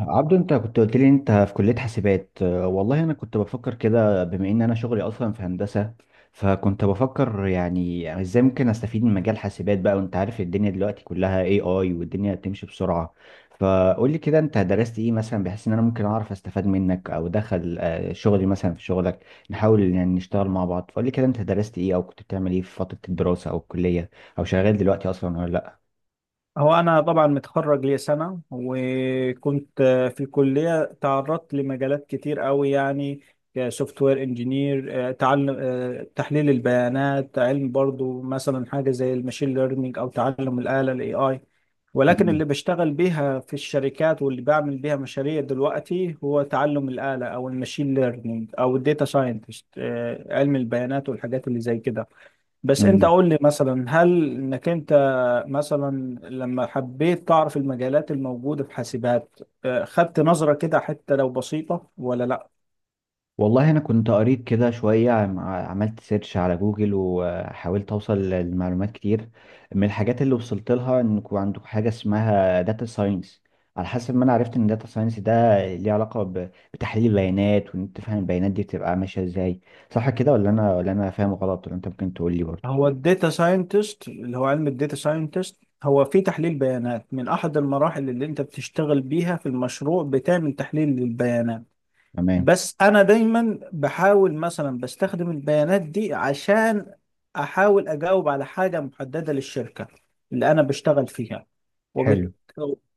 عبدو، انت كنت قلت لي انت في كلية حاسبات. اه، والله، انا كنت بفكر كده بما ان انا شغلي اصلا في هندسة. فكنت بفكر يعني ازاي ممكن استفيد من مجال حاسبات بقى، وانت عارف الدنيا دلوقتي كلها اي اي، والدنيا بتمشي بسرعة. فقول لي كده انت درست ايه مثلا، بحيث ان انا ممكن اعرف استفاد منك او دخل شغلي مثلا في شغلك. نحاول يعني نشتغل مع بعض. فقول لي كده انت درست ايه او كنت بتعمل ايه في فترة الدراسة او الكلية، او شغال دلوقتي اصلا ولا لا؟ هو أنا طبعا متخرج لي سنة وكنت في الكلية تعرضت لمجالات كتير قوي يعني سوفت وير انجينير تعلم تحليل البيانات علم برضو مثلا حاجة زي الماشين ليرنينج أو تعلم الآلة الاي اي، ولكن اللي بشتغل بيها في الشركات واللي بعمل بيها مشاريع دلوقتي هو تعلم الآلة أو الماشين ليرنينج أو الداتا ساينتست، علم البيانات والحاجات اللي زي كده. بس انت مم. قول لي مثلا هل انك انت مثلا لما حبيت تعرف المجالات الموجودة في حاسبات خدت نظرة كده حتى لو بسيطة ولا لا؟ والله، انا كنت قريت كده شويه، عملت سيرش على جوجل وحاولت اوصل لمعلومات كتير. من الحاجات اللي وصلت لها انكم عندكم حاجه اسمها داتا ساينس. على حسب ما انا عرفت ان داتا ساينس ده ليه علاقه بتحليل البيانات، وان انت تفهم البيانات دي بتبقى ماشيه ازاي. صح كده، ولا انا فاهم غلط؟ ولا انت ممكن تقول لي برضه؟ هو الداتا ساينتست اللي هو علم الداتا ساينتست هو في تحليل بيانات، من احد المراحل اللي انت بتشتغل بيها في المشروع بتعمل تحليل للبيانات. تمام. بس انا دايما بحاول مثلا بستخدم البيانات دي عشان احاول اجاوب على حاجه محدده للشركه اللي انا بشتغل فيها، وبت... حلو.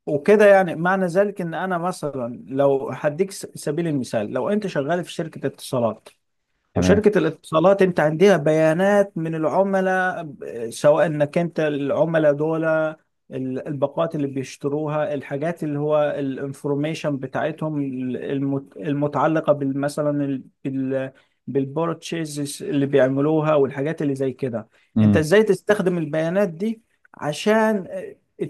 وكده يعني معنى ذلك ان انا مثلا لو هديك سبيل المثال، لو انت شغال في شركه اتصالات، تمام. وشركة الاتصالات انت عندها بيانات من العملاء سواء انك انت العملاء دول الباقات اللي بيشتروها، الحاجات اللي هو الانفورميشن بتاعتهم المتعلقة مثلا بال بالبورتشيز اللي بيعملوها والحاجات اللي زي كده. انت امم ازاي تستخدم البيانات دي عشان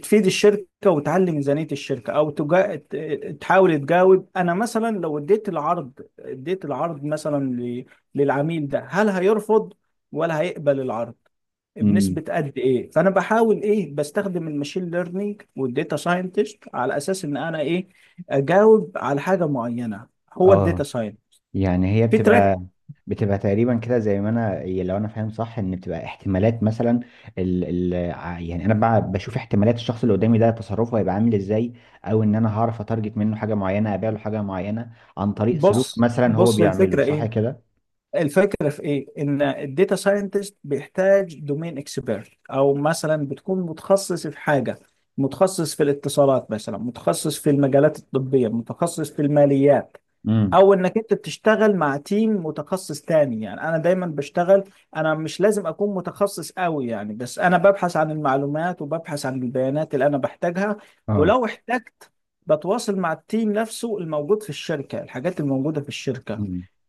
تفيد الشركة وتعلي ميزانية الشركة او تجا... تحاول تجاوب، انا مثلا لو اديت العرض، اديت العرض مثلا للعميل ده، هل هيرفض ولا هيقبل العرض امم بنسبة قد ايه؟ فانا بحاول ايه، بستخدم الماشين ليرنينج والديتا ساينتست على اساس ان انا ايه اجاوب على حاجة معينة. هو الداتا اه، ساينت يعني هي في تراك. بتبقى تقريبا كده زي ما انا، هي لو انا فاهم صح، ان بتبقى احتمالات مثلا. ال يعني انا بقى بشوف احتمالات الشخص اللي قدامي ده، تصرفه هيبقى عامل ازاي، او ان انا هعرف اتارجت منه حاجه معينه، ابيع له حاجه معينه عن طريق سلوك بص مثلا هو بص بيعمله. الفكرة صح ايه، كده؟ الفكرة في ايه، ان الداتا ساينتست بيحتاج دومين اكسبيرت، او مثلا بتكون متخصص في حاجة، متخصص في الاتصالات مثلا، متخصص في المجالات الطبية، متخصص في الماليات، امم او انك انت بتشتغل مع تيم متخصص تاني. يعني انا دايما بشتغل، انا مش لازم اكون متخصص قوي يعني، بس انا ببحث عن المعلومات وببحث عن البيانات اللي انا بحتاجها، اه، ولو احتجت بتواصل مع التيم نفسه الموجود في الشركة، الحاجات الموجودة في الشركة.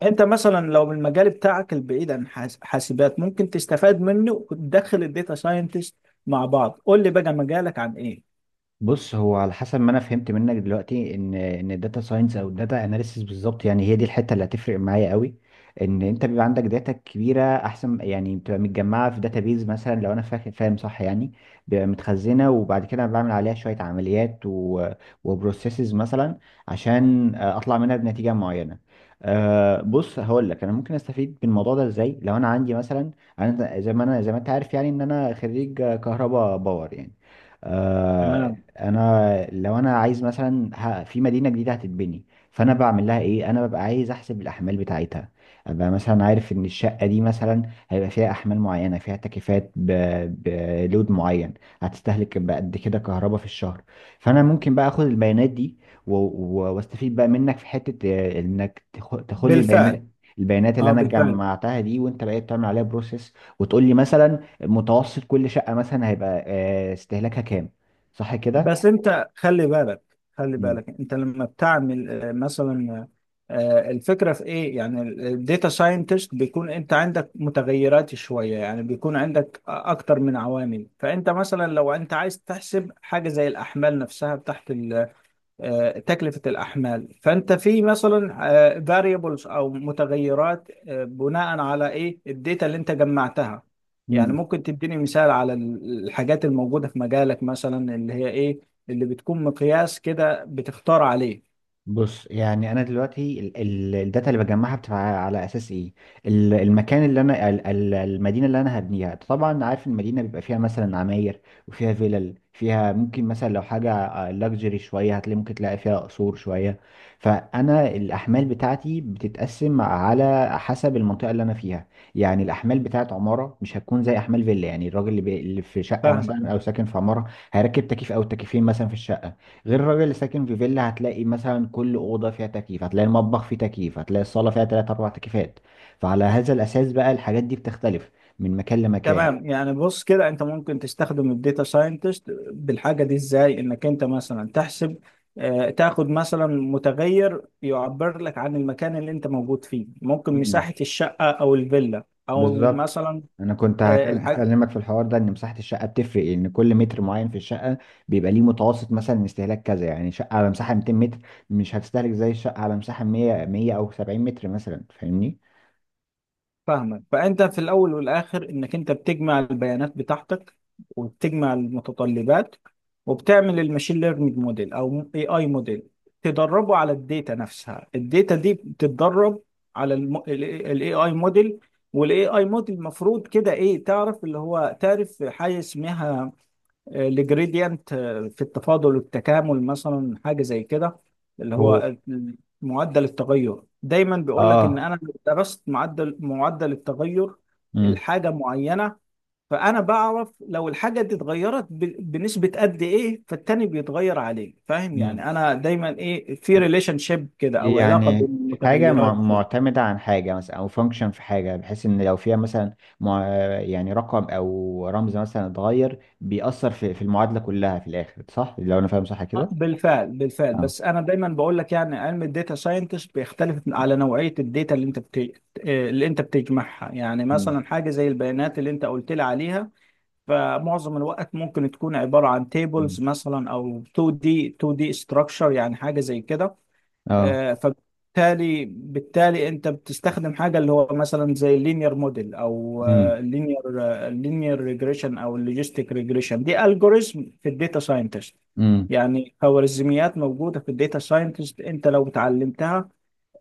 انت مثلا لو من المجال بتاعك البعيد عن حاسبات ممكن تستفاد منه وتدخل الداتا ساينتست مع بعض. قول لي بقى مجالك عن ايه؟ بص. هو على حسب ما انا فهمت منك دلوقتي ان الداتا ساينس او الداتا اناليسيس بالظبط، يعني هي دي الحته اللي هتفرق معايا قوي. ان انت بيبقى عندك داتا كبيره احسن، يعني بتبقى متجمعه في داتابيز مثلا، لو انا فاهم صح يعني. بيبقى متخزنه، وبعد كده أنا بعمل عليها شويه عمليات و... وبروسيسز مثلا، عشان اطلع منها بنتيجه معينه. أه، بص هقول لك انا ممكن استفيد من الموضوع ده ازاي. لو انا عندي مثلا، انا زي ما، انت عارف يعني ان انا خريج كهرباء باور يعني. آه، تمام، انا، لو انا عايز مثلا في مدينه جديده هتتبني، فانا بعمل لها ايه؟ انا ببقى عايز احسب الاحمال بتاعتها. ابقى مثلا عارف ان الشقه دي مثلا هيبقى فيها احمال معينه، فيها تكييفات بلود معين، هتستهلك بقد كده كهرباء في الشهر. فانا ممكن بقى اخد البيانات دي واستفيد بقى منك في حته، انك تاخد لي بالفعل، البيانات، البيانات اللي اه انا بالفعل. جمعتها دي، وانت بقيت تعمل عليها بروسيس. وتقول لي مثلا متوسط كل شقه مثلا هيبقى استهلاكها كام. صح كده؟ بس انت خلي بالك، خلي مم. بالك انت لما بتعمل مثلا، الفكره في ايه، يعني الداتا ساينتست بيكون انت عندك متغيرات شويه، يعني بيكون عندك اكتر من عوامل، فانت مثلا لو انت عايز تحسب حاجه زي الاحمال نفسها بتاعت تكلفة الأحمال، فأنت في مثلا فاريبلز أو متغيرات، بناء على إيه الداتا اللي أنت جمعتها. يعني مم. ممكن تديني مثال على الحاجات الموجودة في مجالك مثلا، اللي هي إيه اللي بتكون مقياس كده بتختار عليه؟ بص، يعني انا دلوقتي الداتا اللي بجمعها بتبقى على اساس ايه؟ المكان اللي انا، المدينه اللي انا هبنيها. طبعا عارف المدينه بيبقى فيها مثلا عماير، وفيها فيلل، فيها ممكن مثلا لو حاجه لاكجري شويه هتلاقي، ممكن تلاقي فيها قصور شويه. فانا الاحمال بتاعتي بتتقسم على حسب المنطقه اللي انا فيها. يعني الاحمال بتاعت عماره مش هتكون زي احمال فيلا. يعني الراجل اللي في شقه فاهمك، مثلا او ساكن في عماره هيركب تكييف او تكييفين مثلا في الشقه. غير الراجل اللي ساكن في فيلا، هتلاقي مثلا كل اوضه فيها تكييف، هتلاقي المطبخ فيه تكييف، هتلاقي الصاله فيها ثلاث اربع تكييفات. فعلى هذا الاساس بقى، الحاجات دي بتختلف من مكان لمكان. تمام. يعني بص كده، انت ممكن تستخدم الداتا ساينتست بالحاجه دي ازاي، انك انت مثلا تحسب تاخد مثلا متغير يعبر لك عن المكان اللي انت موجود فيه، ممكن مم. مساحه الشقه او الفيلا، او بالظبط. مثلا. انا كنت هكلمك في الحوار ده، ان مساحه الشقه بتفرق، ان كل متر معين في الشقه بيبقى ليه متوسط مثلا استهلاك كذا. يعني شقه على مساحه 200 متر مش هتستهلك زي الشقه على مساحه 100 100 او 70 متر مثلا. فاهمني؟ فاهمك، فانت في الاول والاخر انك انت بتجمع البيانات بتاعتك، وبتجمع المتطلبات، وبتعمل الماشين ليرنينج موديل او اي اي موديل، تدربه على الداتا نفسها، الداتا دي بتتدرب على الاي اي موديل. والاي اي موديل المفروض كده ايه، تعرف اللي هو تعرف حاجه اسمها الجريدينت في التفاضل والتكامل، مثلا حاجه زي كده، اللي هو. هو معدل التغير. دايما بيقول لك ان اه. انا لو درست معدل التغير الحاجه معينه، فانا بعرف لو الحاجه دي اتغيرت بنسبه قد ايه، فالتاني بيتغير عليه. فاهم امم يعني انا دايما ايه، في ريليشن شيب كده او علاقه بين يعني حاجة المتغيرات. معتمدة عن حاجة مثلا، أو فانكشن في حاجة، بحيث إن لو فيها مثلا يعني رقم أو رمز مثلا اتغير، بيأثر في المعادلة كلها في الآخر. صح؟ لو أنا فاهم صح كده؟ بالفعل بالفعل. اه. بس انا دايما بقول لك، يعني علم الداتا ساينتست بيختلف على نوعيه الداتا اللي انت بت... اللي انت بتجمعها، يعني مم. مثلا حاجه زي البيانات اللي انت قلت لي عليها، فمعظم الوقت ممكن تكون عبارة عن مم. تيبلز مثلا، أو 2D structure، يعني حاجة زي كده. اه. فبالتالي بالتالي أنت بتستخدم حاجة اللي هو مثلا زي اللينير موديل، أو امم اللينير ريجريشن، أو اللوجيستيك ريجريشن، دي ألجوريزم في الداتا ساينتست، امم يعني خوارزميات موجودة في الداتا ساينتست. أنت لو اتعلمتها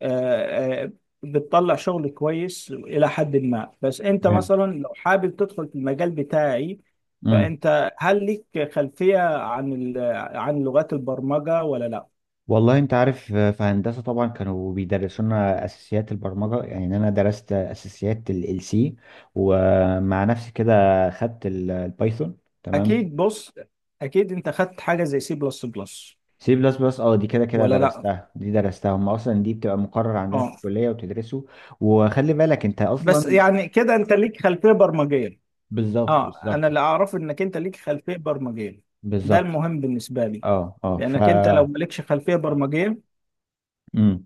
آه، آه، بتطلع شغل كويس إلى حد ما. بس أنت فهمت. مثلا لو حابب تدخل في المجال بتاعي، امم فأنت هل ليك خلفية عن عن لغات البرمجة ولا لا؟ والله أنت عارف، في هندسة طبعا كانوا بيدرسونا أساسيات البرمجة. يعني أنا درست أساسيات ال سي، ومع نفسي كده خدت البايثون. تمام. أكيد. بص، أكيد أنت خدت حاجة زي سي بلس بلس سي بلس بلس، اه، دي كده كده ولا لا؟ درستها. دي درستها، هم اصلا دي بتبقى مقرر عندنا في أه. الكليه وتدرسه. وخلي بالك انت بس اصلا. يعني كده أنت ليك خلفية برمجية. بالظبط، أه، أنا بالظبط، اللي أعرفه إنك أنت ليك خلفية برمجية، ده بالظبط. المهم بالنسبة لي، اه، اه، لأنك أنت لو مالكش خلفية برمجية امم.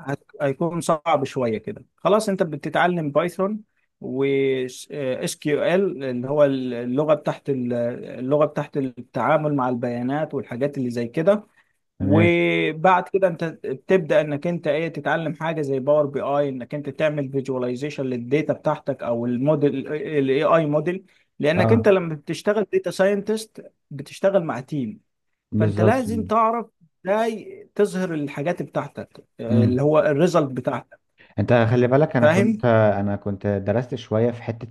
هيكون صعب شويه كده. خلاص، انت بتتعلم بايثون و اس كيو ال اللي هو اللغه اللغه بتاعت التعامل مع البيانات والحاجات اللي زي كده. تمام. وبعد كده انت بتبدا انك انت ايه، تتعلم حاجه زي باور بي اي، انك انت تعمل فيجواليزيشن للداتا بتاعتك او الموديل الاي اي موديل، لانك اه، انت لما بتشتغل داتا ساينتست بتشتغل مع تيم، فانت بالظبط. لازم تعرف ازاي تظهر الحاجات بتاعتك اللي امم. هو الريزلت بتاعتك. انت خلي بالك، انا كنت، فاهم؟ انا كنت درست شويه في حته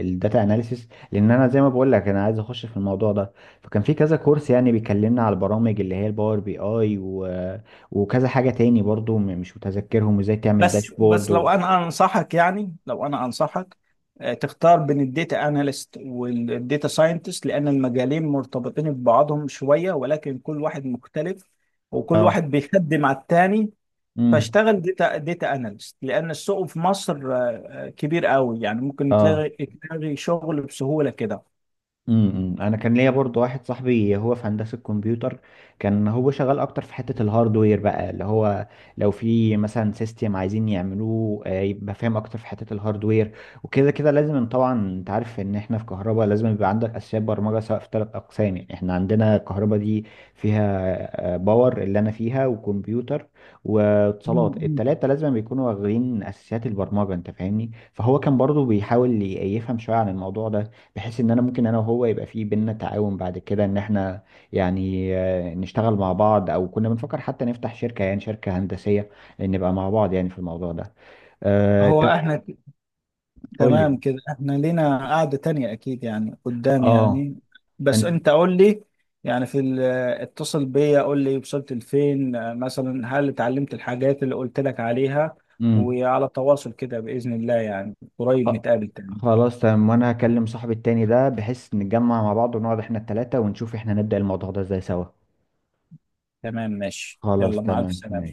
الداتا اناليسيس، لان انا زي ما بقول لك انا عايز اخش في الموضوع ده. فكان في كذا كورس يعني بيكلمنا على البرامج، اللي هي الباور بي اي و... وكذا حاجه تاني برضو، مش متذكرهم، وازاي تعمل بس داشبورد. لو انا انصحك، يعني لو انا انصحك، تختار بين الداتا اناليست والداتا ساينتست، لان المجالين مرتبطين ببعضهم شوية، ولكن كل واحد مختلف، وكل اه. واحد بيخدم على التاني. امم. فاشتغل داتا اناليست، لان السوق في مصر كبير قوي، يعني ممكن اه. تلاقي شغل بسهولة كده. امم. امم. انا كان ليا برضو واحد صاحبي هو في هندسه كمبيوتر. كان هو شغال اكتر في حته الهاردوير بقى، اللي هو لو في مثلا سيستم عايزين يعملوه، يبقى فاهم اكتر في حته الهاردوير. وكده كده لازم، إن طبعا انت عارف ان احنا في كهرباء لازم يبقى عندك اساسيات برمجه، سواء في ثلاث اقسام. يعني احنا عندنا كهرباء دي فيها باور اللي انا فيها، وكمبيوتر، واتصالات. مم. التلاته لازم بيكونوا واخدين اساسيات البرمجه، انت فاهمني. فهو كان برضو بيحاول يفهم شويه عن الموضوع ده، بحيث ان انا ممكن انا وهو يبقى في بينا تعاون بعد كده، ان احنا يعني نشتغل مع بعض. او كنا بنفكر حتى نفتح شركة، يعني شركة هندسية نبقى مع بعض يعني في الموضوع ده. أه، هو احنا قول لي. تمام كده، احنا لينا قعدة تانية اكيد يعني، قدام اه. يعني. بس انت. انت قول لي، يعني في اتصل بيا قول لي وصلت لفين، مثلا هل اتعلمت الحاجات اللي قلت لك عليها، مم. وعلى تواصل كده بإذن الله، يعني قريب خ- نتقابل تاني. خلاص تمام. وانا هكلم صاحبي التاني ده، بحيث نتجمع مع بعض ونقعد احنا التلاتة ونشوف احنا نبدأ الموضوع ده ازاي سوا. تمام، ماشي، خلاص يلا مع الف تمام سلامة. ماشي.